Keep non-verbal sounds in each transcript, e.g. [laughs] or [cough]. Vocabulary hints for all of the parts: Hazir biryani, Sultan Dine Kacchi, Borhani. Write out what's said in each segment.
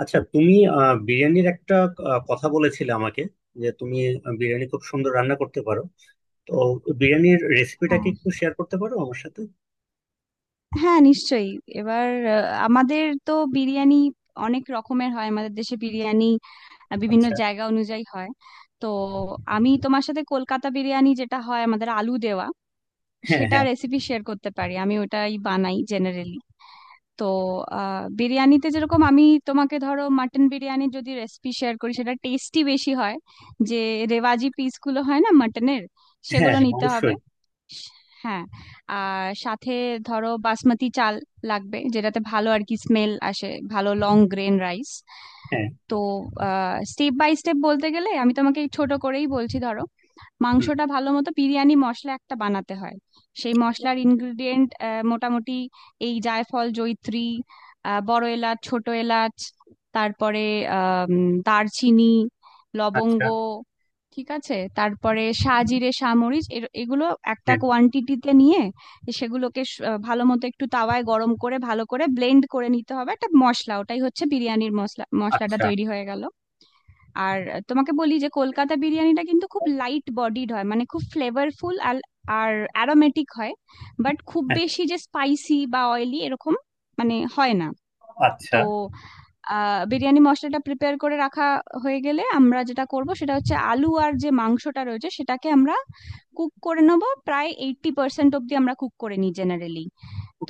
আচ্ছা, তুমি বিরিয়ানির একটা কথা বলেছিলে আমাকে যে তুমি বিরিয়ানি খুব সুন্দর রান্না করতে পারো। তো বিরিয়ানির রেসিপিটা হ্যাঁ, কি একটু শেয়ার করতে পারো আমার সাথে? হ্যাঁ, নিশ্চয়ই। এবার আমাদের তো বিরিয়ানি অনেক রকমের হয়, আমাদের দেশে বিরিয়ানি বিভিন্ন আচ্ছা। জায়গা অনুযায়ী হয়। তো আমি তোমার সাথে কলকাতা বিরিয়ানি যেটা হয় আমাদের আলু দেওয়া, হ্যাঁ, সেটা হ্যাঁ। রেসিপি শেয়ার করতে পারি, আমি ওটাই বানাই জেনারেলি। তো বিরিয়ানিতে যেরকম আমি তোমাকে, ধরো মাটন বিরিয়ানি যদি রেসিপি শেয়ার করি সেটা টেস্টি বেশি হয়, যে রেওয়াজি পিসগুলো হয় না মাটনের, হ্যাঁ, সেগুলো হ্যাঁ, নিতে হবে। অবশ্যই। হ্যাঁ, আর সাথে ধরো বাসমতি চাল লাগবে, যেটাতে ভালো আর কি স্মেল আসে, ভালো লং গ্রেন রাইস। হ্যাঁ। তো স্টেপ বাই স্টেপ বলতে গেলে আমি তোমাকে ছোট করেই বলছি, ধরো হুম। মাংসটা ভালো মতো বিরিয়ানি মশলা একটা বানাতে হয়। সেই মশলার ইনগ্রিডিয়েন্ট মোটামুটি এই জায়ফল, জয়িত্রী, বড় এলাচ, ছোট এলাচ, তারপরে আহ দারচিনি, আচ্ছা। লবঙ্গ। ঠিক আছে, তারপরে সাজিরে, সামরিচ, এগুলো একটা হ্যাঁ। কোয়ান্টিটিতে নিয়ে সেগুলোকে ভালো মতো একটু তাওয়ায় গরম করে ভালো করে ব্লেন্ড করে নিতে হবে, একটা মশলা ওটাই হচ্ছে বিরিয়ানির মশলা, মশলাটা আচ্ছা। তৈরি হয়ে গেল। আর তোমাকে বলি যে কলকাতা বিরিয়ানিটা কিন্তু খুব লাইট বডিড হয়, মানে খুব ফ্লেভারফুল আর আর অ্যারোমেটিক হয়, বাট খুব হ্যাঁ। বেশি যে স্পাইসি বা অয়েলি এরকম মানে হয় না। আচ্ছা। তো বিরিয়ানি মশলাটা প্রিপেয়ার করে রাখা হয়ে গেলে আমরা যেটা করব সেটা হচ্ছে আলু আর যে মাংসটা রয়েছে সেটাকে আমরা কুক করে নেব, প্রায় 80% অব্দি আমরা কুক করে নিই জেনারেলি।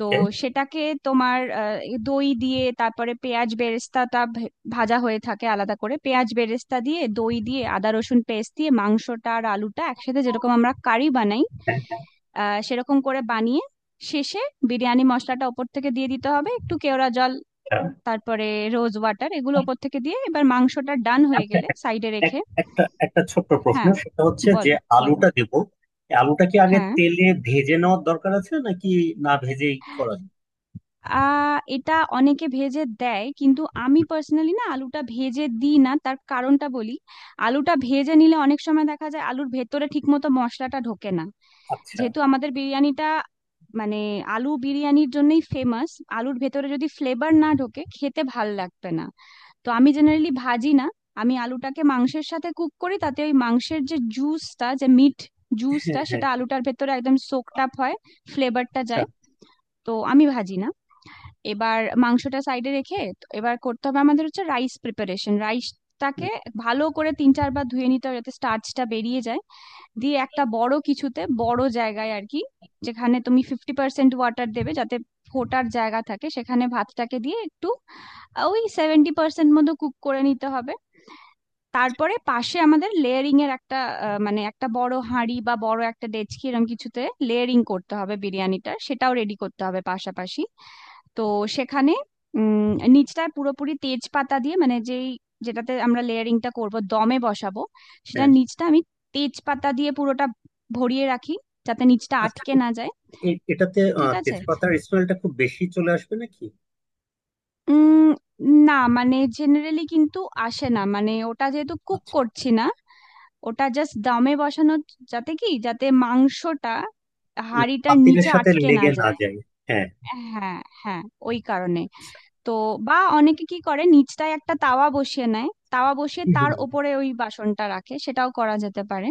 তো সেটাকে তোমার এই দই দিয়ে, তারপরে পেঁয়াজ বেরেস্তাটা ভাজা হয়ে থাকে আলাদা করে, পেঁয়াজ বেরেস্তা দিয়ে, দই দিয়ে, আদা রসুন পেস্ট দিয়ে মাংসটা আর আলুটা একসাথে যেরকম আমরা কারি বানাই হ্যাঁ। সেরকম করে বানিয়ে, শেষে বিরিয়ানি মশলাটা ওপর থেকে দিয়ে দিতে হবে, একটু কেওড়া জল, আচ্ছা তারপরে রোজ ওয়াটার, এগুলো ওপর থেকে দিয়ে এবার মাংসটা ডান হয়ে আচ্ছা, গেলে এক- সাইডে রেখে। এক- একটা একটা ছোট্ট প্রশ্ন, হ্যাঁ, সেটা হচ্ছে যে বলো। বলো। আলুটা দেবো, এই আলুটা কি আগে হ্যাঁ। তেলে ভেজে নেওয়ার দরকার আছে, নাকি না ভেজেই করা যায়? এটা অনেকে ভেজে দেয়, কিন্তু আমি পার্সোনালি না, আলুটা ভেজে দিই না, তার কারণটা বলি। আলুটা ভেজে নিলে অনেক সময় দেখা যায় আলুর ভেতরে ঠিকমতো মশলাটা ঢোকে না। আচ্ছা। যেহেতু আমাদের বিরিয়ানিটা মানে আলু বিরিয়ানির জন্যই ফেমাস, আলুর ভেতরে যদি ফ্লেভার না ঢোকে খেতে ভাল লাগবে না। তো আমি জেনারেলি ভাজি না, আমি আলুটাকে মাংসের সাথে কুক করি, তাতে ওই মাংসের যে জুসটা, যে মিট হ্যাঁ, জুসটা, হ্যাঁ। সেটা আলুটার ভেতরে একদম সোকড আপ হয়, ফ্লেভারটা আচ্ছা। যায়। তো আমি ভাজি না। এবার মাংসটা সাইডে রেখে তো এবার করতে হবে আমাদের হচ্ছে রাইস প্রিপারেশন। রাইসটাকে হুম। ভালো করে তিন চারবার ধুয়ে নিতে হবে যাতে স্টার্চটা বেরিয়ে যায়, দিয়ে একটা বড় কিছুতে, বড় জায়গায় আর কি, যেখানে তুমি 50% ওয়াটার দেবে যাতে ফোটার জায়গা থাকে, সেখানে ভাতটাকে দিয়ে একটু ওই 70% মতো কুক করে নিতে হবে। তারপরে পাশে আমাদের লেয়ারিং এর একটা মানে একটা বড় হাঁড়ি বা বড় একটা ডেচকি এরকম কিছুতে লেয়ারিং করতে হবে বিরিয়ানিটার, সেটাও রেডি করতে হবে পাশাপাশি। তো সেখানে নিচটায় পুরোপুরি তেজপাতা দিয়ে, মানে যেটাতে আমরা লেয়ারিংটা করব দমে বসাবো, সেটা হ্যাঁ। নিচটা আমি তেজপাতা দিয়ে পুরোটা ভরিয়ে রাখি, যাতে নিচটা আচ্ছা। আটকে না যায়। এটাতে ঠিক আছে। তেজপাতার স্মেলটা খুব বেশি চলে আসবে নাকি? উম না মানে জেনারেলি কিন্তু আসে না, মানে ওটা যেহেতু কুক আচ্ছা। করছি না, ওটা জাস্ট দমে বসানো, যাতে কি যাতে মাংসটা হাঁড়িটার পাতিলের নিচে সাথে আটকে না লেগে না যায়। যায়। হ্যাঁ। হ্যাঁ, হ্যাঁ, ওই কারণে। আচ্ছা। তো বা অনেকে কি করে নিচটায় একটা তাওয়া বসিয়ে নেয়, তাওয়া বসিয়ে হুম, হুম, তার হুম। ওপরে ওই বাসনটা রাখে, সেটাও করা যেতে পারে।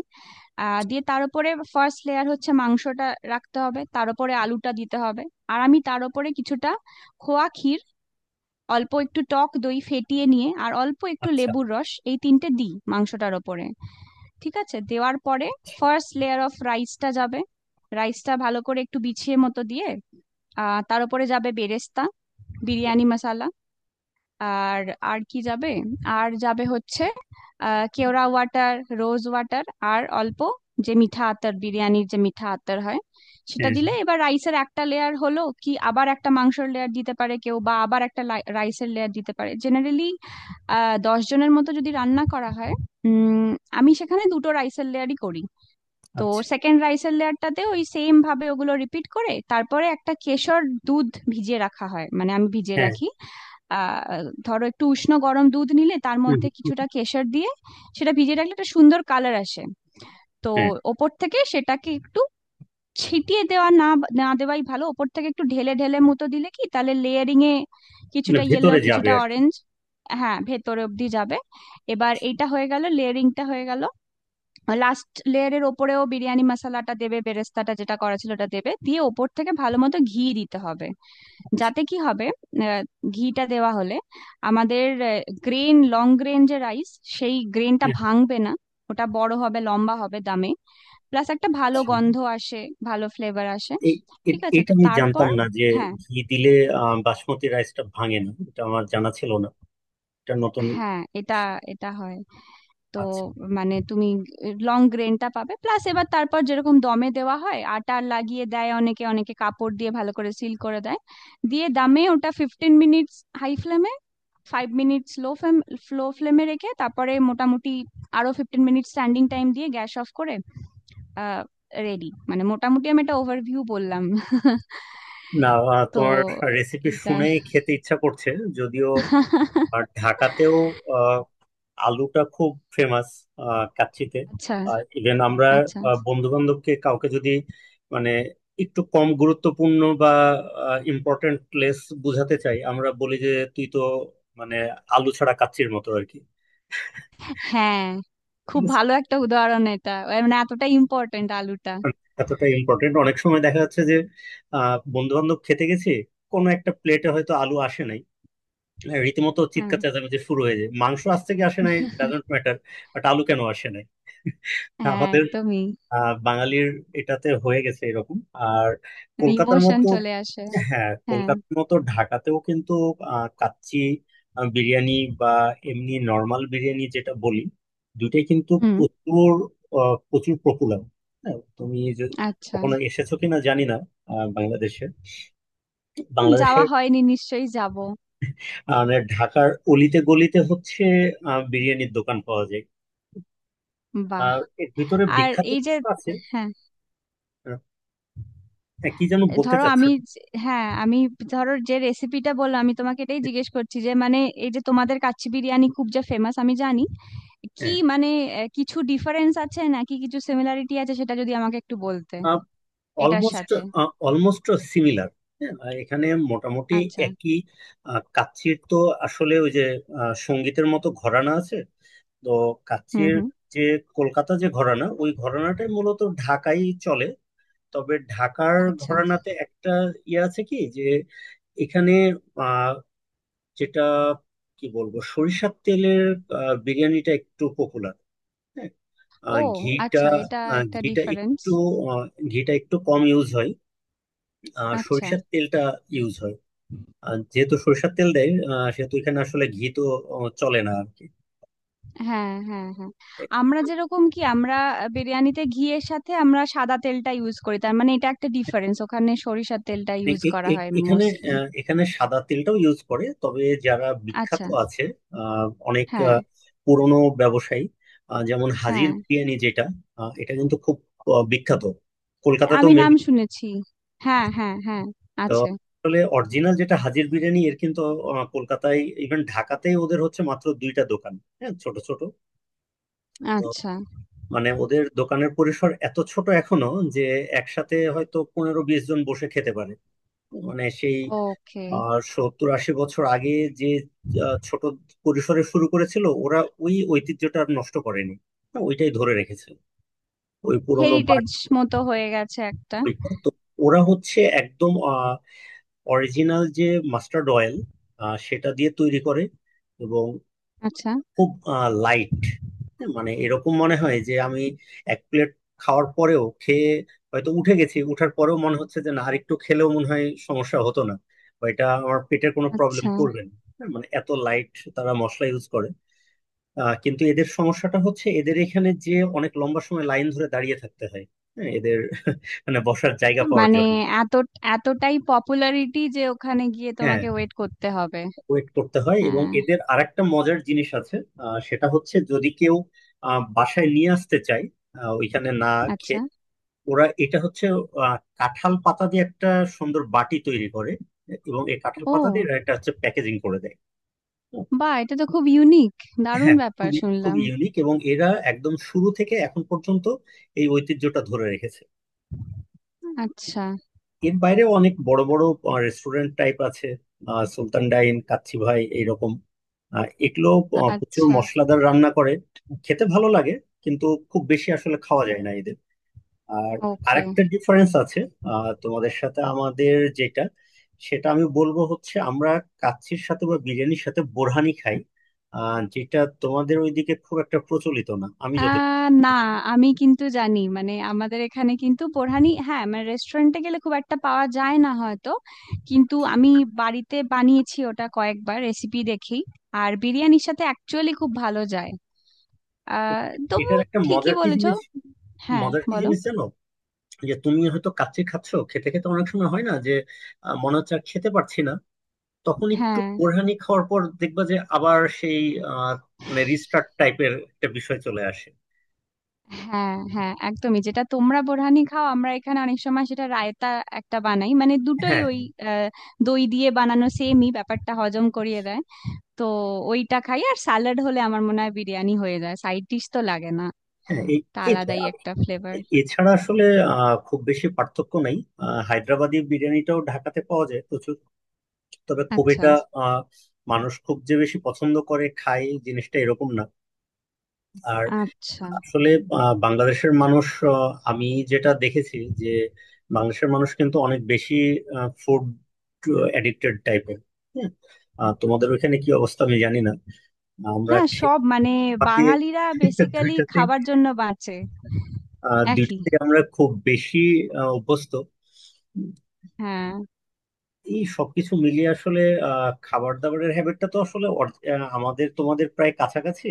দিয়ে তার উপরে ফার্স্ট লেয়ার হচ্ছে মাংসটা রাখতে হবে, তার উপরে আলুটা দিতে হবে, আর আমি তার উপরে কিছুটা খোয়া ক্ষীর, অল্প একটু টক দই ফেটিয়ে নিয়ে, আর অল্প একটু আচ্ছা। লেবুর রস, এই তিনটে দিই মাংসটার ওপরে। ঠিক আছে, দেওয়ার পরে ফার্স্ট লেয়ার অফ রাইসটা যাবে, রাইসটা ভালো করে একটু বিছিয়ে মতো দিয়ে তার উপরে যাবে বেরেস্তা, বিরিয়ানি মশলা, আর, আর কি যাবে, আর যাবে হচ্ছে কেওড়া ওয়াটার, রোজ ওয়াটার, আর অল্প যে মিঠা আতর, বিরিয়ানির যে মিঠা আতর হয় সেটা হ্যাঁ। দিলে, এবার রাইসের একটা লেয়ার হলো কি আবার একটা মাংসের লেয়ার দিতে পারে কেউ, বা আবার একটা রাইসের লেয়ার দিতে পারে জেনারেলি। 10 জনের মতো যদি রান্না করা হয় উম আমি সেখানে দুটো রাইসের লেয়ারই করি। তো আচ্ছা। সেকেন্ড রাইসের লেয়ারটাতে ওই সেম ভাবে ওগুলো রিপিট করে, তারপরে একটা কেশর দুধ ভিজিয়ে রাখা হয়, মানে আমি ভিজিয়ে হ্যাঁ। রাখি। আহ ধরো একটু উষ্ণ গরম দুধ নিলে তার হুম, হুম, মধ্যে হুম। কিছুটা কেশর দিয়ে সেটা ভিজিয়ে রাখলে একটা সুন্দর কালার আসে। তো হ্যাঁ। ওপর থেকে সেটাকে একটু ছিটিয়ে দেওয়া না, না দেওয়াই ভালো, ওপর থেকে একটু ঢেলে ঢেলে মতো দিলে কি তাহলে লেয়ারিং এ মানে কিছুটা ইয়েলো, ভেতরে যাবে কিছুটা আর কি। অরেঞ্জ। হ্যাঁ, ভেতর অব্দি যাবে। এবার এটা হয়ে গেল, লেয়ারিংটা হয়ে গেল। লাস্ট লেয়ারের ওপরেও বিরিয়ানি মশলাটা দেবে, বেরেস্তাটা যেটা করা ছিল ওটা দেবে, দিয়ে ওপর থেকে ভালো মতো ঘি দিতে হবে। আচ্ছা। যাতে কি হবে, আহ, ঘিটা দেওয়া হলে আমাদের গ্রেন, লং গ্রেন যে রাইস, সেই গ্রেনটা হ্যাঁ, ভাঙবে না, ওটা বড় হবে, লম্বা হবে দামে, প্লাস একটা ভালো আচ্ছা। গন্ধ আসে, ভালো ফ্লেভার আসে। এই ঠিক আছে, এটা তো আমি তারপর জানতাম না যে হ্যাঁ, ঘি দিলে বাসমতি রাইসটা ভাঙে না। এটা আমার জানা ছিল না। এটা নতুন। হ্যাঁ, এটা এটা হয়। তো আচ্ছা। মানে তুমি লং গ্রেনটা পাবে, প্লাস এবার তারপর যেরকম দমে দেওয়া হয় আটা লাগিয়ে দেয় অনেকে, অনেকে কাপড় দিয়ে ভালো করে সিল করে দেয়, দিয়ে দামে ওটা 15 minutes হাই ফ্লেমে, 5 minutes লো ফ্লেম, লো ফ্লেমে রেখে, তারপরে মোটামুটি আরো 15 মিনিট স্ট্যান্ডিং টাইম দিয়ে গ্যাস অফ করে আহ রেডি, মানে মোটামুটি আমি একটা ওভারভিউ বললাম। [laughs] না, তো তোমার রেসিপি এটা। শুনে খেতে ইচ্ছা করছে যদিও। আর [laughs] ঢাকাতেও আলুটা খুব ফেমাস কাচ্চিতে। আচ্ছা। ইভেন আমরা আচ্ছা। বন্ধু বান্ধবকে কাউকে যদি, মানে, একটু কম গুরুত্বপূর্ণ বা ইম্পর্টেন্ট প্লেস বোঝাতে চাই, আমরা বলি যে তুই তো, মানে, আলু ছাড়া কাচ্চির মতো আর কি। হ্যাঁ, খুব ভালো একটা উদাহরণ এটা, এ মানে এতটা ইম্পর্টেন্ট আলুটা। মানে, এতটা ইম্পর্টেন্ট। অনেক সময় দেখা যাচ্ছে যে বন্ধু বান্ধব খেতে গেছি, কোনো একটা প্লেটে হয়তো আলু আসে নাই। হ্যাঁ, রীতিমতো হ্যাঁ, চিৎকার চেঁচামেচি শুরু হয়ে যায়। মাংস আসছে কি আসে নাই ডাজন্ট ম্যাটার, বাট আলু কেন আসে নাই? হ্যাঁ, আমাদের একদমই, বাঙালির এটাতে হয়ে গেছে এরকম। আর মানে কলকাতার ইমোশন মতো। চলে আসে। হ্যাঁ, হ্যাঁ। কলকাতার মতো ঢাকাতেও কিন্তু কাচ্চি, বিরিয়ানি বা এমনি নর্মাল বিরিয়ানি যেটা বলি, দুইটাই কিন্তু হুম। প্রচুর, প্রচুর পপুলার। হ্যাঁ, তুমি যে আচ্ছা। কখনো এসেছো কিনা জানি না বাংলাদেশে। যাওয়া বাংলাদেশের, হয়নি, নিশ্চয়ই যাব। মানে ঢাকার অলিতে গলিতে হচ্ছে বিরিয়ানির দোকান পাওয়া যায়। বাহ। আর এর ভিতরে আর বিখ্যাত এই যে, কিছু আছে। হ্যাঁ, আহ, হ্যাঁ, কি যেন বলতে ধরো আমি চাচ্ছেন? হ্যাঁ, আমি ধরো যে রেসিপিটা বললাম আমি তোমাকে, এটাই জিজ্ঞেস করছি যে মানে এই যে তোমাদের কাচ্চি বিরিয়ানি খুব যে ফেমাস আমি জানি, কি হ্যাঁ। মানে কিছু ডিফারেন্স আছে নাকি, কিছু সিমিলারিটি আছে, সেটা যদি আমাকে একটু বলতে এটার অলমোস্ট সাথে। Almost similar. হ্যাঁ, আর এখানে মোটামুটি আচ্ছা। একই। কাচ্চির তো আসলে ওই যে সঙ্গীতের মতো ঘরানা আছে। তো হুম, কাচ্চির, হুম। যে কলকাতা যে ঘরানা, ওই ঘরানাটাই মূলত ঢাকাই চলে। তবে ঢাকার আচ্ছা। ঘরানাতে একটা ইয়ে আছে কি যে এখানে আহ, যেটা, কি বলবো, সরিষার তেলের বিরিয়ানিটা একটু পপুলার। হ্যাঁ, আহ, ও, ঘিটা আচ্ছা, এটা আহ, একটা ঘিটা ডিফারেন্স। একটু আহ, ঘিটা একটু কম ইউজ হয়। আর আচ্ছা। সরিষার তেলটা ইউজ হয়। আর যেহেতু সরিষার তেল দেয় সেহেতু এখানে আসলে ঘি তো চলে না আর কি। হ্যাঁ, হ্যাঁ, হ্যাঁ, আমরা যেরকম কি আমরা বিরিয়ানিতে ঘিয়ের সাথে আমরা সাদা তেলটা ইউজ করি, তার মানে এটা একটা ডিফারেন্স, ওখানে সরিষার তেলটা এ- ইউজ এ- করা এ- হয় এখানে মোস্টলি। এখানে সাদা তেলটাও ইউজ করে, তবে যারা বিখ্যাত আচ্ছা। আছে অনেক হ্যাঁ, পুরনো ব্যবসায়ী, যেমন হাজির হ্যাঁ, বিরিয়ানি যেটা, এটা কিন্তু খুব বিখ্যাত কলকাতাতেও আমি নাম maybe। শুনেছি, হ্যাঁ, হ্যাঁ, হ্যাঁ, তো আছে। আসলে অরিজিনাল যেটা হাজির বিরিয়ানি, এর কিন্তু কলকাতায়, ইভেন ঢাকাতেই ওদের হচ্ছে মাত্র দুইটা দোকান। হ্যাঁ, ছোট ছোট। আচ্ছা। মানে ওদের দোকানের পরিসর এত ছোট এখনো যে একসাথে হয়তো 15-20 জন বসে খেতে পারে। মানে সেই ওকে। 70-80 বছর আগে যে ছোট পরিসরে শুরু করেছিল ওরা, ওই ঐতিহ্যটা আর নষ্ট করেনি। হ্যাঁ, ওইটাই ধরে রেখেছে ওই পুরোনো বার। হেরিটেজ মতো হয়ে গেছে একটা। তো ওরা হচ্ছে একদম অরিজিনাল, যে মাস্টার্ড অয়েল, সেটা দিয়ে তৈরি করে। এবং আচ্ছা। খুব লাইট, মানে এরকম মনে হয় যে আমি এক প্লেট খাওয়ার পরেও, খেয়ে হয়তো উঠে গেছি, উঠার পরেও মনে হচ্ছে যে না, আরেকটু খেলেও মনে হয় সমস্যা হতো না। বা এটা আমার পেটের কোনো প্রবলেম আচ্ছা, করবে না। হ্যাঁ, মানে এত লাইট তারা মশলা ইউজ করে। কিন্তু এদের সমস্যাটা হচ্ছে এদের এখানে যে অনেক লম্বা সময় লাইন ধরে দাঁড়িয়ে থাকতে হয়। হ্যাঁ, এদের মানে বসার জায়গা পাওয়ার মানে জন্য। এত, এতটাই পপুলারিটি যে ওখানে গিয়ে হ্যাঁ, তোমাকে ওয়েট করতে হবে। ওয়েট করতে হয় এবং হ্যাঁ। এদের আরেকটা মজার জিনিস আছে, সেটা হচ্ছে যদি কেউ বাসায় নিয়ে আসতে চায়, ওইখানে না আচ্ছা। খেয়ে, ওরা এটা হচ্ছে কাঁঠাল পাতা দিয়ে একটা সুন্দর বাটি তৈরি করে এবং এই কাঁঠাল পাতা দিয়ে ও, এরা এটা হচ্ছে প্যাকেজিং করে দেয়। বাহ, এটা তো খুব ইউনিক, দারুণ হ্যাঁ, ব্যাপার খুবই শুনলাম। খুবই ইউনিক এবং এরা একদম শুরু থেকে এখন পর্যন্ত এই ঐতিহ্যটা ধরে রেখেছে। আচ্ছা। এর বাইরেও অনেক বড় বড় রেস্টুরেন্ট টাইপ আছে, সুলতান ডাইন, কাচ্চি ভাই এইরকম। এগুলো প্রচুর আচ্ছা। মশলাদার রান্না করে, খেতে ভালো লাগে, কিন্তু খুব বেশি আসলে খাওয়া যায় না এদের। আর ওকে। আরেকটা ডিফারেন্স আছে তোমাদের সাথে আমাদের যেটা, সেটা আমি বলবো হচ্ছে আমরা কাচ্চির সাথে বা বিরিয়ানির সাথে বোরহানি খাই, যেটা তোমাদের ওইদিকে খুব একটা প্রচলিত না। আমি যত। না, আমি কিন্তু জানি, মানে আমাদের এখানে কিন্তু বোরহানি, হ্যাঁ, মানে রেস্টুরেন্টে গেলে খুব একটা পাওয়া যায় না হয়তো, কিন্তু আমি বাড়িতে বানিয়েছি ওটা কয়েকবার, রেসিপি দেখি, আর বিরিয়ানির সাথে অ্যাকচুয়ালি খুব ভালো যায়। তবু এটার একটা ঠিকই বলেছো। হ্যাঁ, মজার কি বলো। জিনিস জানো? যে তুমি হয়তো কাচ্চি খাচ্ছো, খেতে খেতে অনেক সময় হয় না যে মনে হচ্ছে আর খেতে পারছি না, তখন একটু হ্যাঁ, বোরহানি খাওয়ার পর দেখবা যে আবার সেই, আহ, মানে, রিস্টার্ট টাইপের একটা বিষয় চলে আসে। হ্যাঁ, হ্যাঁ, একদমই, যেটা তোমরা বোরহানি খাও, আমরা এখানে অনেক সময় সেটা রায়তা একটা বানাই, মানে দুটোই হ্যাঁ, ওই আহ, দই দিয়ে বানানো, সেমই ব্যাপারটা হজম করিয়ে দেয়। তো ওইটা খাই, আর স্যালাড হলে আমার মনে হয় বিরিয়ানি হয়ে যায়, সাইড ডিশ তো লাগে না, হ্যাঁ, এই, তা এই তো। আলাদাই আর একটা ফ্লেভার। এছাড়া আসলে খুব বেশি পার্থক্য নাই। হায়দ্রাবাদি বিরিয়ানিটাও ঢাকাতে পাওয়া যায় প্রচুর। তবে খুব আচ্ছা। এটা আহ, মানুষ খুব যে বেশি পছন্দ করে খায় জিনিসটা এরকম না। আচ্ছা। আসলে বাংলাদেশের মানুষ, আমি যেটা দেখেছি যে বাংলাদেশের মানুষ কিন্তু অনেক বেশি ফুড এডিক্টেড টাইপের। হ্যাঁ, তোমাদের ওইখানে কি অবস্থা আমি জানি না। আমরা না, খেতে সব মানে পাতে বাঙালিরা [laughs] বেসিক্যালি দুইটাতে খাবার জন্য বাঁচে। একই। দুইটাতে আমরা খুব বেশি অভ্যস্ত। হ্যাঁ। এই সবকিছু মিলিয়ে আসলে খাবার দাবারের হ্যাবিটটা তো আসলে আমাদের তোমাদের প্রায় কাছাকাছি।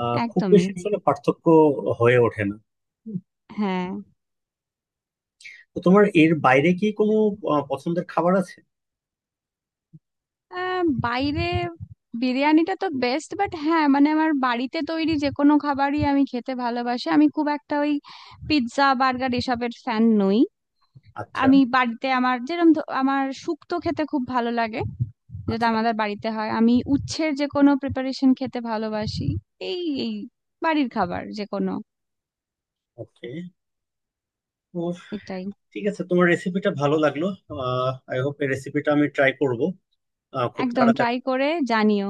খুব একদমই। বেশি আসলে পার্থক্য হয়ে ওঠে না। হ্যাঁ। তো তোমার এর বাইরে কি কোনো পছন্দের খাবার আছে? বাইরে বিরিয়ানিটা তো বেস্ট, বাট হ্যাঁ মানে আমার বাড়িতে তৈরি যে কোনো খাবারই আমি খেতে ভালোবাসি, আমি খুব একটা ওই পিৎজা বার্গার এসবের ফ্যান নই। আচ্ছা। আমি বাড়িতে আমার যেরকম, আমার শুক্তো খেতে খুব ভালো লাগে, যেটা আচ্ছা। আমাদের বাড়িতে হয়, আমি উচ্ছের যে কোনো প্রিপারেশন খেতে ভালোবাসি। এই এই বাড়ির খাবার যে কোনো, ওকে। তো এটাই। ঠিক আছে, তোমার রেসিপিটা ভালো লাগলো। আই হোপ এই রেসিপিটা আমি ট্রাই করব খুব একদম, তাড়াতাড়ি। ট্রাই করে জানিও।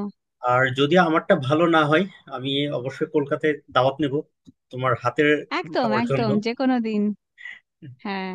আর যদি আমারটা ভালো না হয়, আমি অবশ্যই কলকাতায় দাওয়াত নেব তোমার হাতের একদম, খাওয়ার জন্য। একদম, যে কোনো দিন। হ্যাঁ।